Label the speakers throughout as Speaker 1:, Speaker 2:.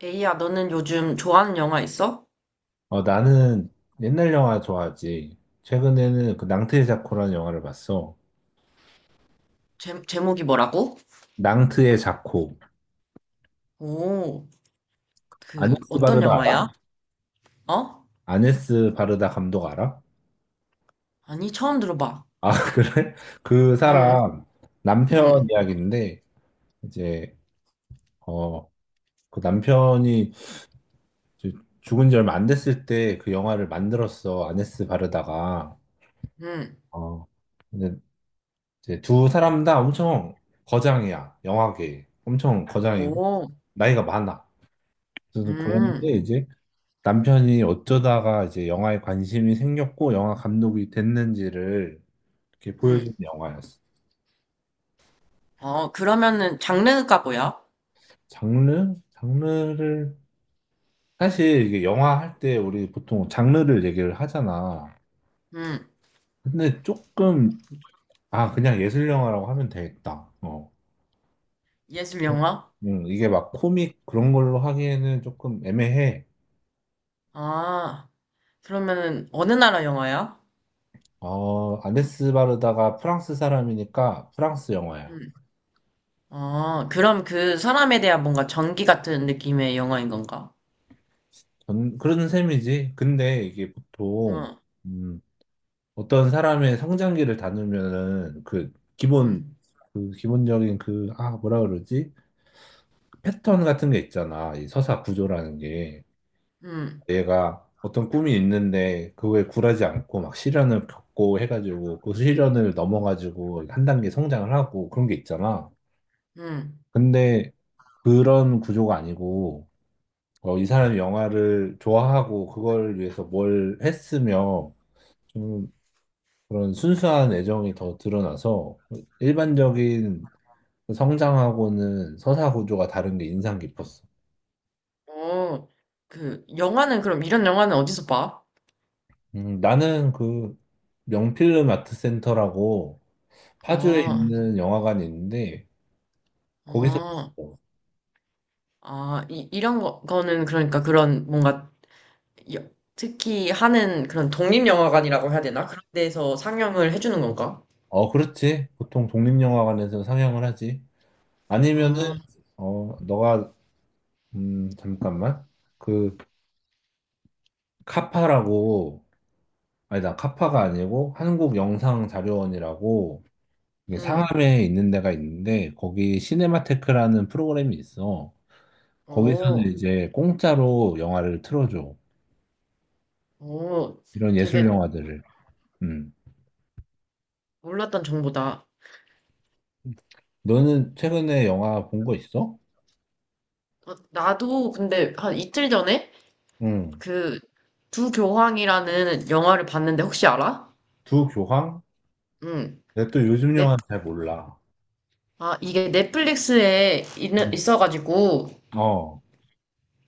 Speaker 1: 에이야, 너는 요즘 좋아하는 영화 있어?
Speaker 2: 나는 옛날 영화 좋아하지. 최근에는 그 낭트의 자코라는 영화를 봤어.
Speaker 1: 제목이 뭐라고?
Speaker 2: 낭트의 자코.
Speaker 1: 오, 그,
Speaker 2: 아네스
Speaker 1: 어떤
Speaker 2: 바르다
Speaker 1: 영화야?
Speaker 2: 알아?
Speaker 1: 어?
Speaker 2: 아네스 바르다 감독 알아?
Speaker 1: 아니, 처음 들어봐.
Speaker 2: 아, 그래? 그
Speaker 1: 응,
Speaker 2: 사람 남편
Speaker 1: 응,
Speaker 2: 이야기인데, 이제, 어, 그 남편이 이제 죽은 지 얼마 안 됐을 때 그 영화를 만들었어. 아네스 바르다가.
Speaker 1: 응.
Speaker 2: 어, 근데 이제 두 사람 다 엄청 거장이야. 영화계. 엄청 거장이고,
Speaker 1: 오,
Speaker 2: 나이가 많아. 그래서 그런데
Speaker 1: 음,
Speaker 2: 이제 남편이 어쩌다가 이제 영화에 관심이 생겼고 영화 감독이 됐는지를 이렇게
Speaker 1: 음.
Speaker 2: 보여주는 영화였어.
Speaker 1: 어, 그러면은 장르가 뭐야?
Speaker 2: 장르? 장르를 사실 이게 영화 할 때 우리 보통 장르를 얘기를 하잖아.
Speaker 1: 음,
Speaker 2: 근데 조금 아 그냥 예술 영화라고 하면 되겠다. 어.
Speaker 1: 예술 영화?
Speaker 2: 이게 막 코믹 그런 걸로 하기에는 조금 애매해.
Speaker 1: 아, 그러면은 어느 나라 영화야?
Speaker 2: 아네스 바르다가 프랑스 사람이니까 프랑스 영화야.
Speaker 1: 음. 아, 그럼 그 사람에 대한 뭔가 전기 같은 느낌의 영화인 건가?
Speaker 2: 그런 셈이지. 근데 이게 보통,
Speaker 1: 응,
Speaker 2: 음, 어떤 사람의 성장기를 다루면은 그 기본
Speaker 1: 응,
Speaker 2: 그 기본적인 그 뭐라 그러지? 패턴 같은 게 있잖아. 이 서사 구조라는 게
Speaker 1: 응,
Speaker 2: 얘가 어떤 꿈이 있는데 그거에 굴하지 않고 막 시련을 겪고 해가지고 그 시련을 넘어가지고 한 단계 성장을 하고 그런 게 있잖아.
Speaker 1: 응.
Speaker 2: 근데 그런 구조가 아니고 이 사람이 영화를 좋아하고 그걸 위해서 뭘 했으며 그런 순수한 애정이 더 드러나서 일반적인 성장하고는 서사 구조가 다른 게 인상 깊었어.
Speaker 1: 어, 그, 영화는 그럼 이런 영화는 어디서 봐?
Speaker 2: 나는 그 명필름 아트센터라고 파주에
Speaker 1: 아,
Speaker 2: 있는 영화관이 있는데 거기서
Speaker 1: 아,
Speaker 2: 봤어.
Speaker 1: 아, 이런 거는 그러니까 그런 뭔가 여- 특히 하는 그런 독립영화관이라고 해야 되나? 그런 데서 상영을 해주는 건가?
Speaker 2: 어, 그렇지. 보통 독립영화관에서 상영을 하지. 아니면은
Speaker 1: 아,
Speaker 2: 너가 잠깐만. 그 카파라고 아니 나 카파가 아니고 한국영상자료원이라고 이게
Speaker 1: 음,
Speaker 2: 상암에 있는 데가 있는데 거기 시네마테크라는 프로그램이 있어. 거기서는
Speaker 1: 오,
Speaker 2: 이제 공짜로 영화를 틀어줘.
Speaker 1: 오,
Speaker 2: 이런 예술
Speaker 1: 되게
Speaker 2: 영화들을. 음.
Speaker 1: 몰랐던 정보다.
Speaker 2: 너는 최근에 영화 본 거 있어?
Speaker 1: 어, 나도 근데 한 이틀 전에
Speaker 2: 응.
Speaker 1: 그 두 교황이라는 영화를 봤는데 혹시 알아?
Speaker 2: 두 교황?
Speaker 1: 응,
Speaker 2: 내가 또 요즘
Speaker 1: 넷,
Speaker 2: 영화 잘 몰라.
Speaker 1: 아, 이게 넷플릭스에 있는,
Speaker 2: 음.
Speaker 1: 있어가지고
Speaker 2: 어,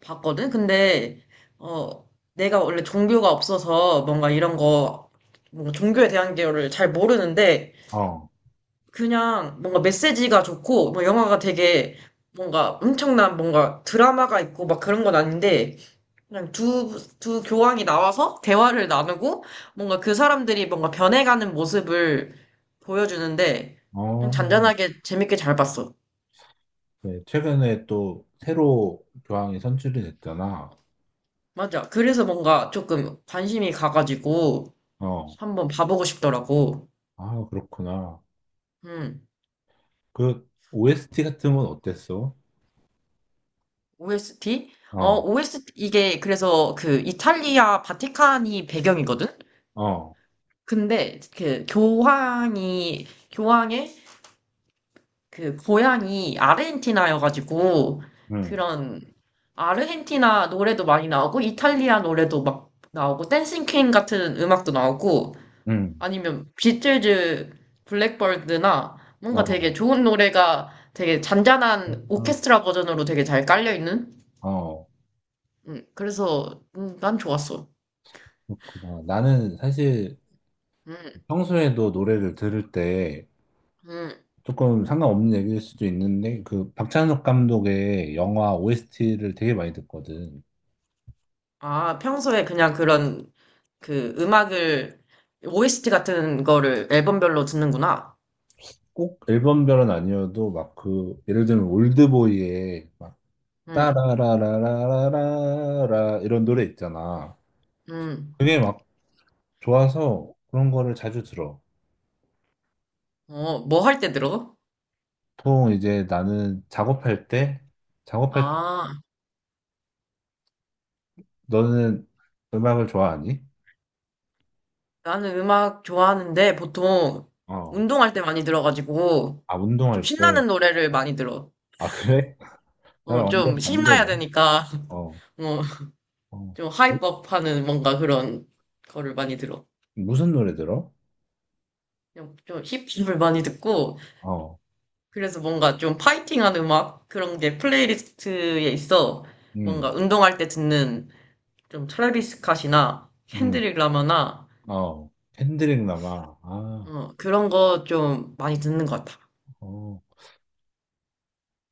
Speaker 1: 봤거든? 근데, 어, 내가 원래 종교가 없어서 뭔가 이런 거, 뭔가 종교에 대한 거를 잘 모르는데,
Speaker 2: 어,
Speaker 1: 그냥 뭔가 메시지가 좋고, 뭐 영화가 되게 뭔가 엄청난 뭔가 드라마가 있고 막 그런 건 아닌데, 그냥 두 교황이 나와서 대화를 나누고, 뭔가 그 사람들이 뭔가 변해가는 모습을 보여주는데, 그냥
Speaker 2: 어.
Speaker 1: 잔잔하게 재밌게 잘 봤어.
Speaker 2: 그래. 최근에 또 새로 교황이 선출이 됐잖아.
Speaker 1: 맞아. 그래서 뭔가 조금 관심이 가가지고,
Speaker 2: 어.
Speaker 1: 한번 봐보고 싶더라고.
Speaker 2: 아, 그렇구나.
Speaker 1: 음,
Speaker 2: 그 OST 같은 건 어땠어?
Speaker 1: OST? 어,
Speaker 2: 어,
Speaker 1: OST, 이게 그래서 그 이탈리아 바티칸이 배경이거든?
Speaker 2: 어.
Speaker 1: 근데 그 교황의 그 고향이 아르헨티나여가지고
Speaker 2: 응,
Speaker 1: 그런 아르헨티나 노래도 많이 나오고 이탈리아 노래도 막 나오고 댄싱 퀸 같은 음악도 나오고
Speaker 2: 응.
Speaker 1: 아니면 비틀즈 블랙버드나 뭔가 되게
Speaker 2: 어,
Speaker 1: 좋은 노래가 되게 잔잔한 오케스트라 버전으로 되게 잘 깔려있는?
Speaker 2: 어,
Speaker 1: 그래서 난 좋았어.
Speaker 2: 그렇구나. 나는 사실
Speaker 1: 음,
Speaker 2: 평소에도 노래를 들을 때
Speaker 1: 음.
Speaker 2: 조금 상관없는 얘기일 수도 있는데 그 박찬욱 감독의 영화 OST를 되게 많이 듣거든.
Speaker 1: 아, 평소에 그냥 그런 그 음악을 OST 같은 거를 앨범별로 듣는구나.
Speaker 2: 꼭 앨범별은 아니어도 막 그 예를 들면 올드보이의 막
Speaker 1: 음,
Speaker 2: 따라라라라라라 이런 노래 있잖아.
Speaker 1: 음.
Speaker 2: 그게 막 좋아서 그런 거를 자주 들어.
Speaker 1: 어, 뭐 할 때 들어?
Speaker 2: 보통 이제 나는 작업할 때 작업할 때
Speaker 1: 아,
Speaker 2: 너는 음악을 좋아하니?
Speaker 1: 나는 음악 좋아하는데 보통
Speaker 2: 어.
Speaker 1: 운동할 때 많이 들어가지고
Speaker 2: 아,
Speaker 1: 좀
Speaker 2: 운동할 때.
Speaker 1: 신나는 노래를 많이 들어.
Speaker 2: 아, 그래?
Speaker 1: 어,
Speaker 2: 나랑
Speaker 1: 좀
Speaker 2: 완전
Speaker 1: 신나야
Speaker 2: 반대네.
Speaker 1: 되니까,
Speaker 2: 어,
Speaker 1: 어,
Speaker 2: 어.
Speaker 1: 좀
Speaker 2: 무-
Speaker 1: 하이법 하는 뭔가 그런 거를 많이 들어.
Speaker 2: 무슨 노래 들어?
Speaker 1: 그냥 좀 힙합을 많이 듣고,
Speaker 2: 어,
Speaker 1: 그래서 뭔가 좀 파이팅하는 음악? 그런 게 플레이리스트에 있어.
Speaker 2: 음,
Speaker 1: 뭔가 운동할 때 듣는 좀 트래비스 스캇이나
Speaker 2: 음,
Speaker 1: 켄드릭 라마나,
Speaker 2: 어. 핸드릭 남아. 아,
Speaker 1: 그런 거 좀 많이 듣는 것 같아.
Speaker 2: 어.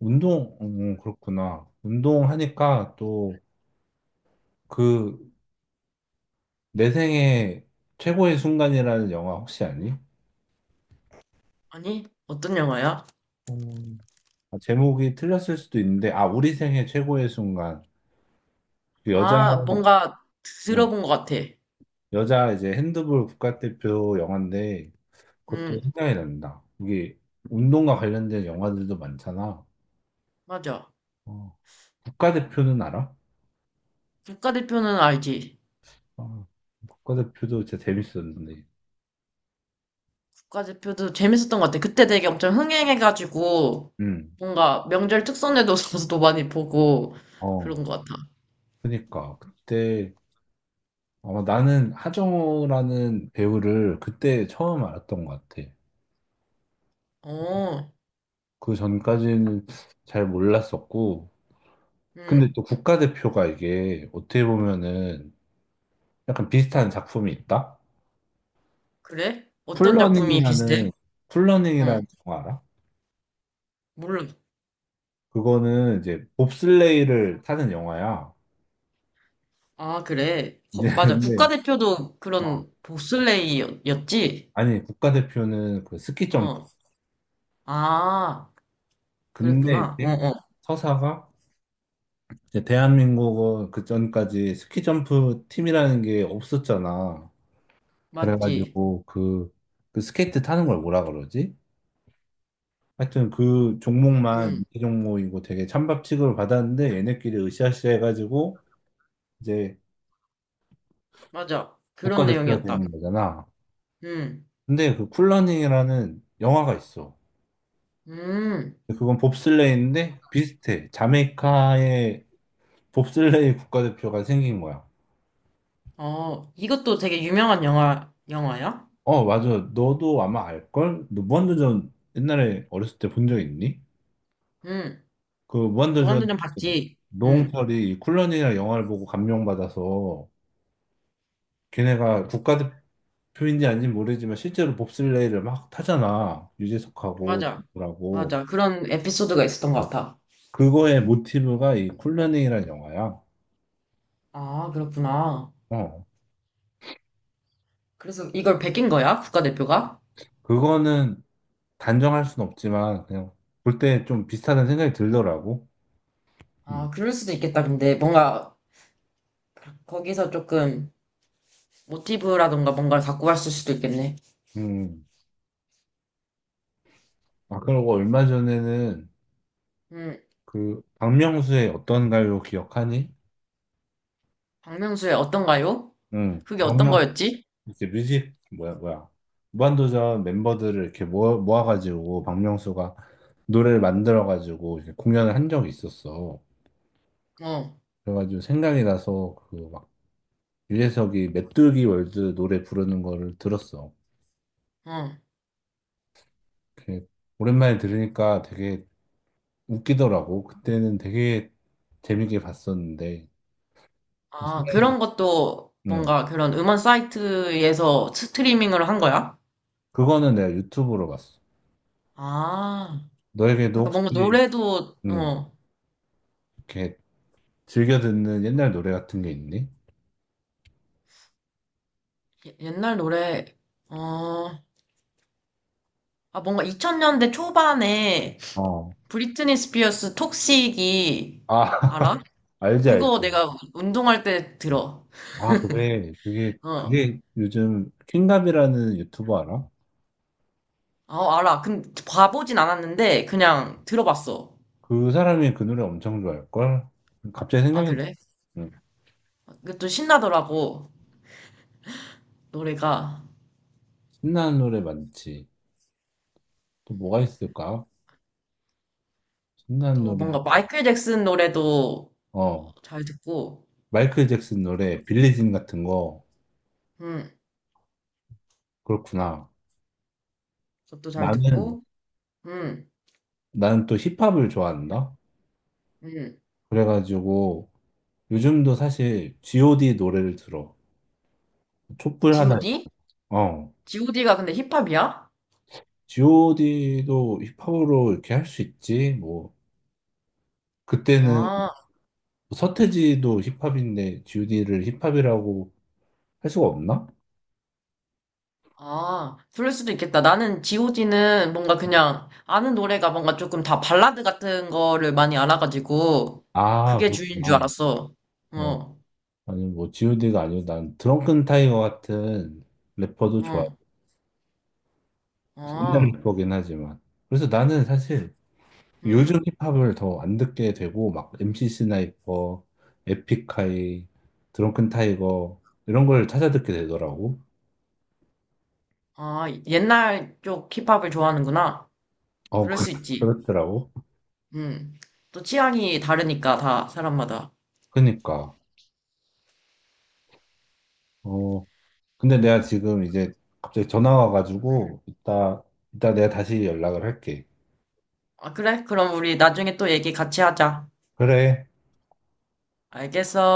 Speaker 2: 운동, 그렇구나. 운동하니까 또 그, 내 생애 최고의 순간이라는 영화 혹시 아니?
Speaker 1: 아니, 어떤 영화야?
Speaker 2: 음. 아, 제목이 틀렸을 수도 있는데, 아, 우리 생애 최고의 순간. 그 여자,
Speaker 1: 아, 뭔가
Speaker 2: 어,
Speaker 1: 들어본 것 같아.
Speaker 2: 여자 이제 핸드볼 국가대표 영화인데, 그것도
Speaker 1: 음,
Speaker 2: 생각이 난다. 이게 운동과 관련된 영화들도 많잖아.
Speaker 1: 맞아.
Speaker 2: 어, 국가대표는 알아?
Speaker 1: 국가대표는 알지.
Speaker 2: 어, 국가대표도 진짜 재밌었는데.
Speaker 1: 국가대표도 재밌었던 것 같아. 그때 되게 엄청 흥행해가지고,
Speaker 2: 음.
Speaker 1: 뭔가 명절 특선에도 많이 보고,
Speaker 2: 어,
Speaker 1: 그런 것 같아.
Speaker 2: 그러니까 그때 아마 나는 하정우라는 배우를 그때 처음 알았던 것 같아.
Speaker 1: 어,
Speaker 2: 그 전까지는 잘 몰랐었고, 근데
Speaker 1: 음,
Speaker 2: 또 국가대표가 이게 어떻게 보면은 약간 비슷한 작품이 있다.
Speaker 1: 그래? 어떤 작품이 비슷해?
Speaker 2: 쿨러닝이라는
Speaker 1: 어,
Speaker 2: 쿨러닝이라는 영화 알아?
Speaker 1: 몰라.
Speaker 2: 그거는 이제 봅슬레이를 타는 영화야.
Speaker 1: 아, 그래.
Speaker 2: 이제
Speaker 1: 맞아.
Speaker 2: 근데
Speaker 1: 국가대표도
Speaker 2: 어,
Speaker 1: 그런 보슬레이였지.
Speaker 2: 아니 국가대표는 그 스키 점프.
Speaker 1: 어, 아,
Speaker 2: 근데
Speaker 1: 그랬구나. 어,
Speaker 2: 이제
Speaker 1: 어,
Speaker 2: 서사가 이제 대한민국은 그 전까지 스키 점프 팀이라는 게 없었잖아.
Speaker 1: 맞지.
Speaker 2: 그래가지고 그, 그 스케이트 타는 걸 뭐라 그러지? 하여튼 그 종목만
Speaker 1: 음,
Speaker 2: 인기 종목이고 되게 찬밥 취급을 받았는데 얘네끼리 으쌰으쌰 해가지고 이제
Speaker 1: 맞아. 그런
Speaker 2: 국가대표가
Speaker 1: 내용이었다.
Speaker 2: 되는 거잖아.
Speaker 1: 음,
Speaker 2: 근데 그 쿨러닝이라는 영화가 있어.
Speaker 1: 음,
Speaker 2: 근데 그건 봅슬레이인데 비슷해. 자메이카의 봅슬레이 국가대표가 생긴 거야.
Speaker 1: 어, 이것도 되게 유명한 영화야?
Speaker 2: 어, 맞아. 너도 아마 알걸? 너 무한도전 옛날에 어렸을 때 본 적 있니?
Speaker 1: 음.
Speaker 2: 그 무한도전
Speaker 1: 무한도전 봤지? 응,
Speaker 2: 노홍철이 이 쿨런이라 영화를 보고 감명받아서 걔네가 국가대표인지 아닌지 모르지만 실제로 봅슬레이를 막 타잖아. 유재석하고
Speaker 1: 맞아.
Speaker 2: 누구라고.
Speaker 1: 맞아. 그런 에피소드가 있었던 것
Speaker 2: 어,
Speaker 1: 같아.
Speaker 2: 그거의 모티브가 이 쿨런이라는 영화야.
Speaker 1: 아, 그렇구나.
Speaker 2: 어.
Speaker 1: 그래서 이걸 베낀 거야? 국가대표가?
Speaker 2: 그거는 단정할 순 없지만 그냥 볼 때 좀 비슷하다는 생각이 들더라고. 음.
Speaker 1: 아, 그럴 수도 있겠다. 근데 뭔가 거기서 조금 모티브라던가 뭔가를 갖고 갔을 수도 있겠네.
Speaker 2: 음. 아, 그리고 얼마 전에는
Speaker 1: 음,
Speaker 2: 그 박명수의 어떤 가요 기억하니?
Speaker 1: 박명수의 어떤가요?
Speaker 2: 응.
Speaker 1: 그게 어떤
Speaker 2: 박명
Speaker 1: 거였지?
Speaker 2: 이제 뮤직 뭐야 뭐야 무한도전 멤버들을 이렇게 모아 모아가지고 박명수가 노래를 만들어가지고 이렇게 공연을 한 적이 있었어.
Speaker 1: 어,
Speaker 2: 그래가지고 생각이 나서 그 막 유재석이 메뚜기 월드 노래 부르는 거를 들었어.
Speaker 1: 어.
Speaker 2: 이렇게 오랜만에 들으니까 되게 웃기더라고. 그때는 되게 재밌게 봤었는데, 또
Speaker 1: 아,
Speaker 2: 신기한,
Speaker 1: 그런 것도
Speaker 2: 응.
Speaker 1: 뭔가 그런 음원 사이트에서 스트리밍을 한 거야?
Speaker 2: 그거는 내가 유튜브로 봤어.
Speaker 1: 아,
Speaker 2: 너에게도
Speaker 1: 그러니까
Speaker 2: 혹시,
Speaker 1: 뭔가 노래도,
Speaker 2: 응, 이렇게 즐겨 듣는 옛날 노래 같은 게 있니?
Speaker 1: 예- 옛날 노래, 어, 아, 뭔가 2000년대 초반에
Speaker 2: 어.
Speaker 1: 브리트니 스피어스 톡식이,
Speaker 2: 아,
Speaker 1: 알아?
Speaker 2: 알지,
Speaker 1: 그거
Speaker 2: 알지.
Speaker 1: 내가 운동할 때 들어.
Speaker 2: 아, 그래. 그게,
Speaker 1: 어,
Speaker 2: 그게 요즘 킹갑이라는 유튜버 알아?
Speaker 1: 어, 알아. 근 봐보진 않았는데, 그냥 들어봤어.
Speaker 2: 그 사람이 그 노래 엄청 좋아할걸? 갑자기
Speaker 1: 아,
Speaker 2: 생각이,
Speaker 1: 그래?
Speaker 2: 응.
Speaker 1: 그것도 신나더라고, 노래가.
Speaker 2: 신나는 노래 많지. 또 뭐가 있을까? 신나는
Speaker 1: 또
Speaker 2: 노래,
Speaker 1: 뭔가 마이클 잭슨 노래도
Speaker 2: 어.
Speaker 1: 잘 듣고,
Speaker 2: 마이클 잭슨 노래, 빌리진 같은 거,
Speaker 1: 음,
Speaker 2: 그렇구나.
Speaker 1: 그것도 잘
Speaker 2: 나는,
Speaker 1: 듣고, 음,
Speaker 2: 나는 또 힙합을 좋아한다?
Speaker 1: 음.
Speaker 2: 그래가지고, 요즘도 사실 GOD 노래를 들어. 촛불 하나,
Speaker 1: G.O.D?
Speaker 2: 어.
Speaker 1: G.O.D가 근데 힙합이야?
Speaker 2: GOD도 힙합으로 이렇게 할 수 있지? 뭐, 그때는
Speaker 1: 아.
Speaker 2: 뭐 서태지도 힙합인데 GOD를 힙합이라고 할 수가 없나?
Speaker 1: 아, 그럴 수도 있겠다. 나는 GOD는 뭔가 그냥 아는 노래가 뭔가 조금 다 발라드 같은 거를 많이 알아가지고
Speaker 2: 아,
Speaker 1: 그게 주인 줄
Speaker 2: 그렇구나.
Speaker 1: 알았어.
Speaker 2: 어.
Speaker 1: 어,
Speaker 2: 아니, 뭐, GOD가 아니고 난 드렁큰 타이거 같은 래퍼도 좋아.
Speaker 1: 어,
Speaker 2: 옛날
Speaker 1: 아,
Speaker 2: 래퍼긴 하지만. 그래서 나는 사실 요즘
Speaker 1: 음,
Speaker 2: 힙합을 더 안 듣게 되고 막 MC 스나이퍼, 에픽하이, 드렁큰 타이거 이런 걸 찾아 듣게 되더라고.
Speaker 1: 아, 옛날 쪽 힙합을 좋아하는구나.
Speaker 2: 어
Speaker 1: 그럴
Speaker 2: 그-
Speaker 1: 수 있지.
Speaker 2: 그렇더라고.
Speaker 1: 음, 또 취향이 다르니까 다 사람마다.
Speaker 2: 그니까 어 근데 내가 지금 이제 갑자기 전화 와가지고 이따 내가 다시 연락을 할게.
Speaker 1: 아, 그래? 그럼 우리 나중에 또 얘기 같이 하자.
Speaker 2: 그래.
Speaker 1: 알겠어.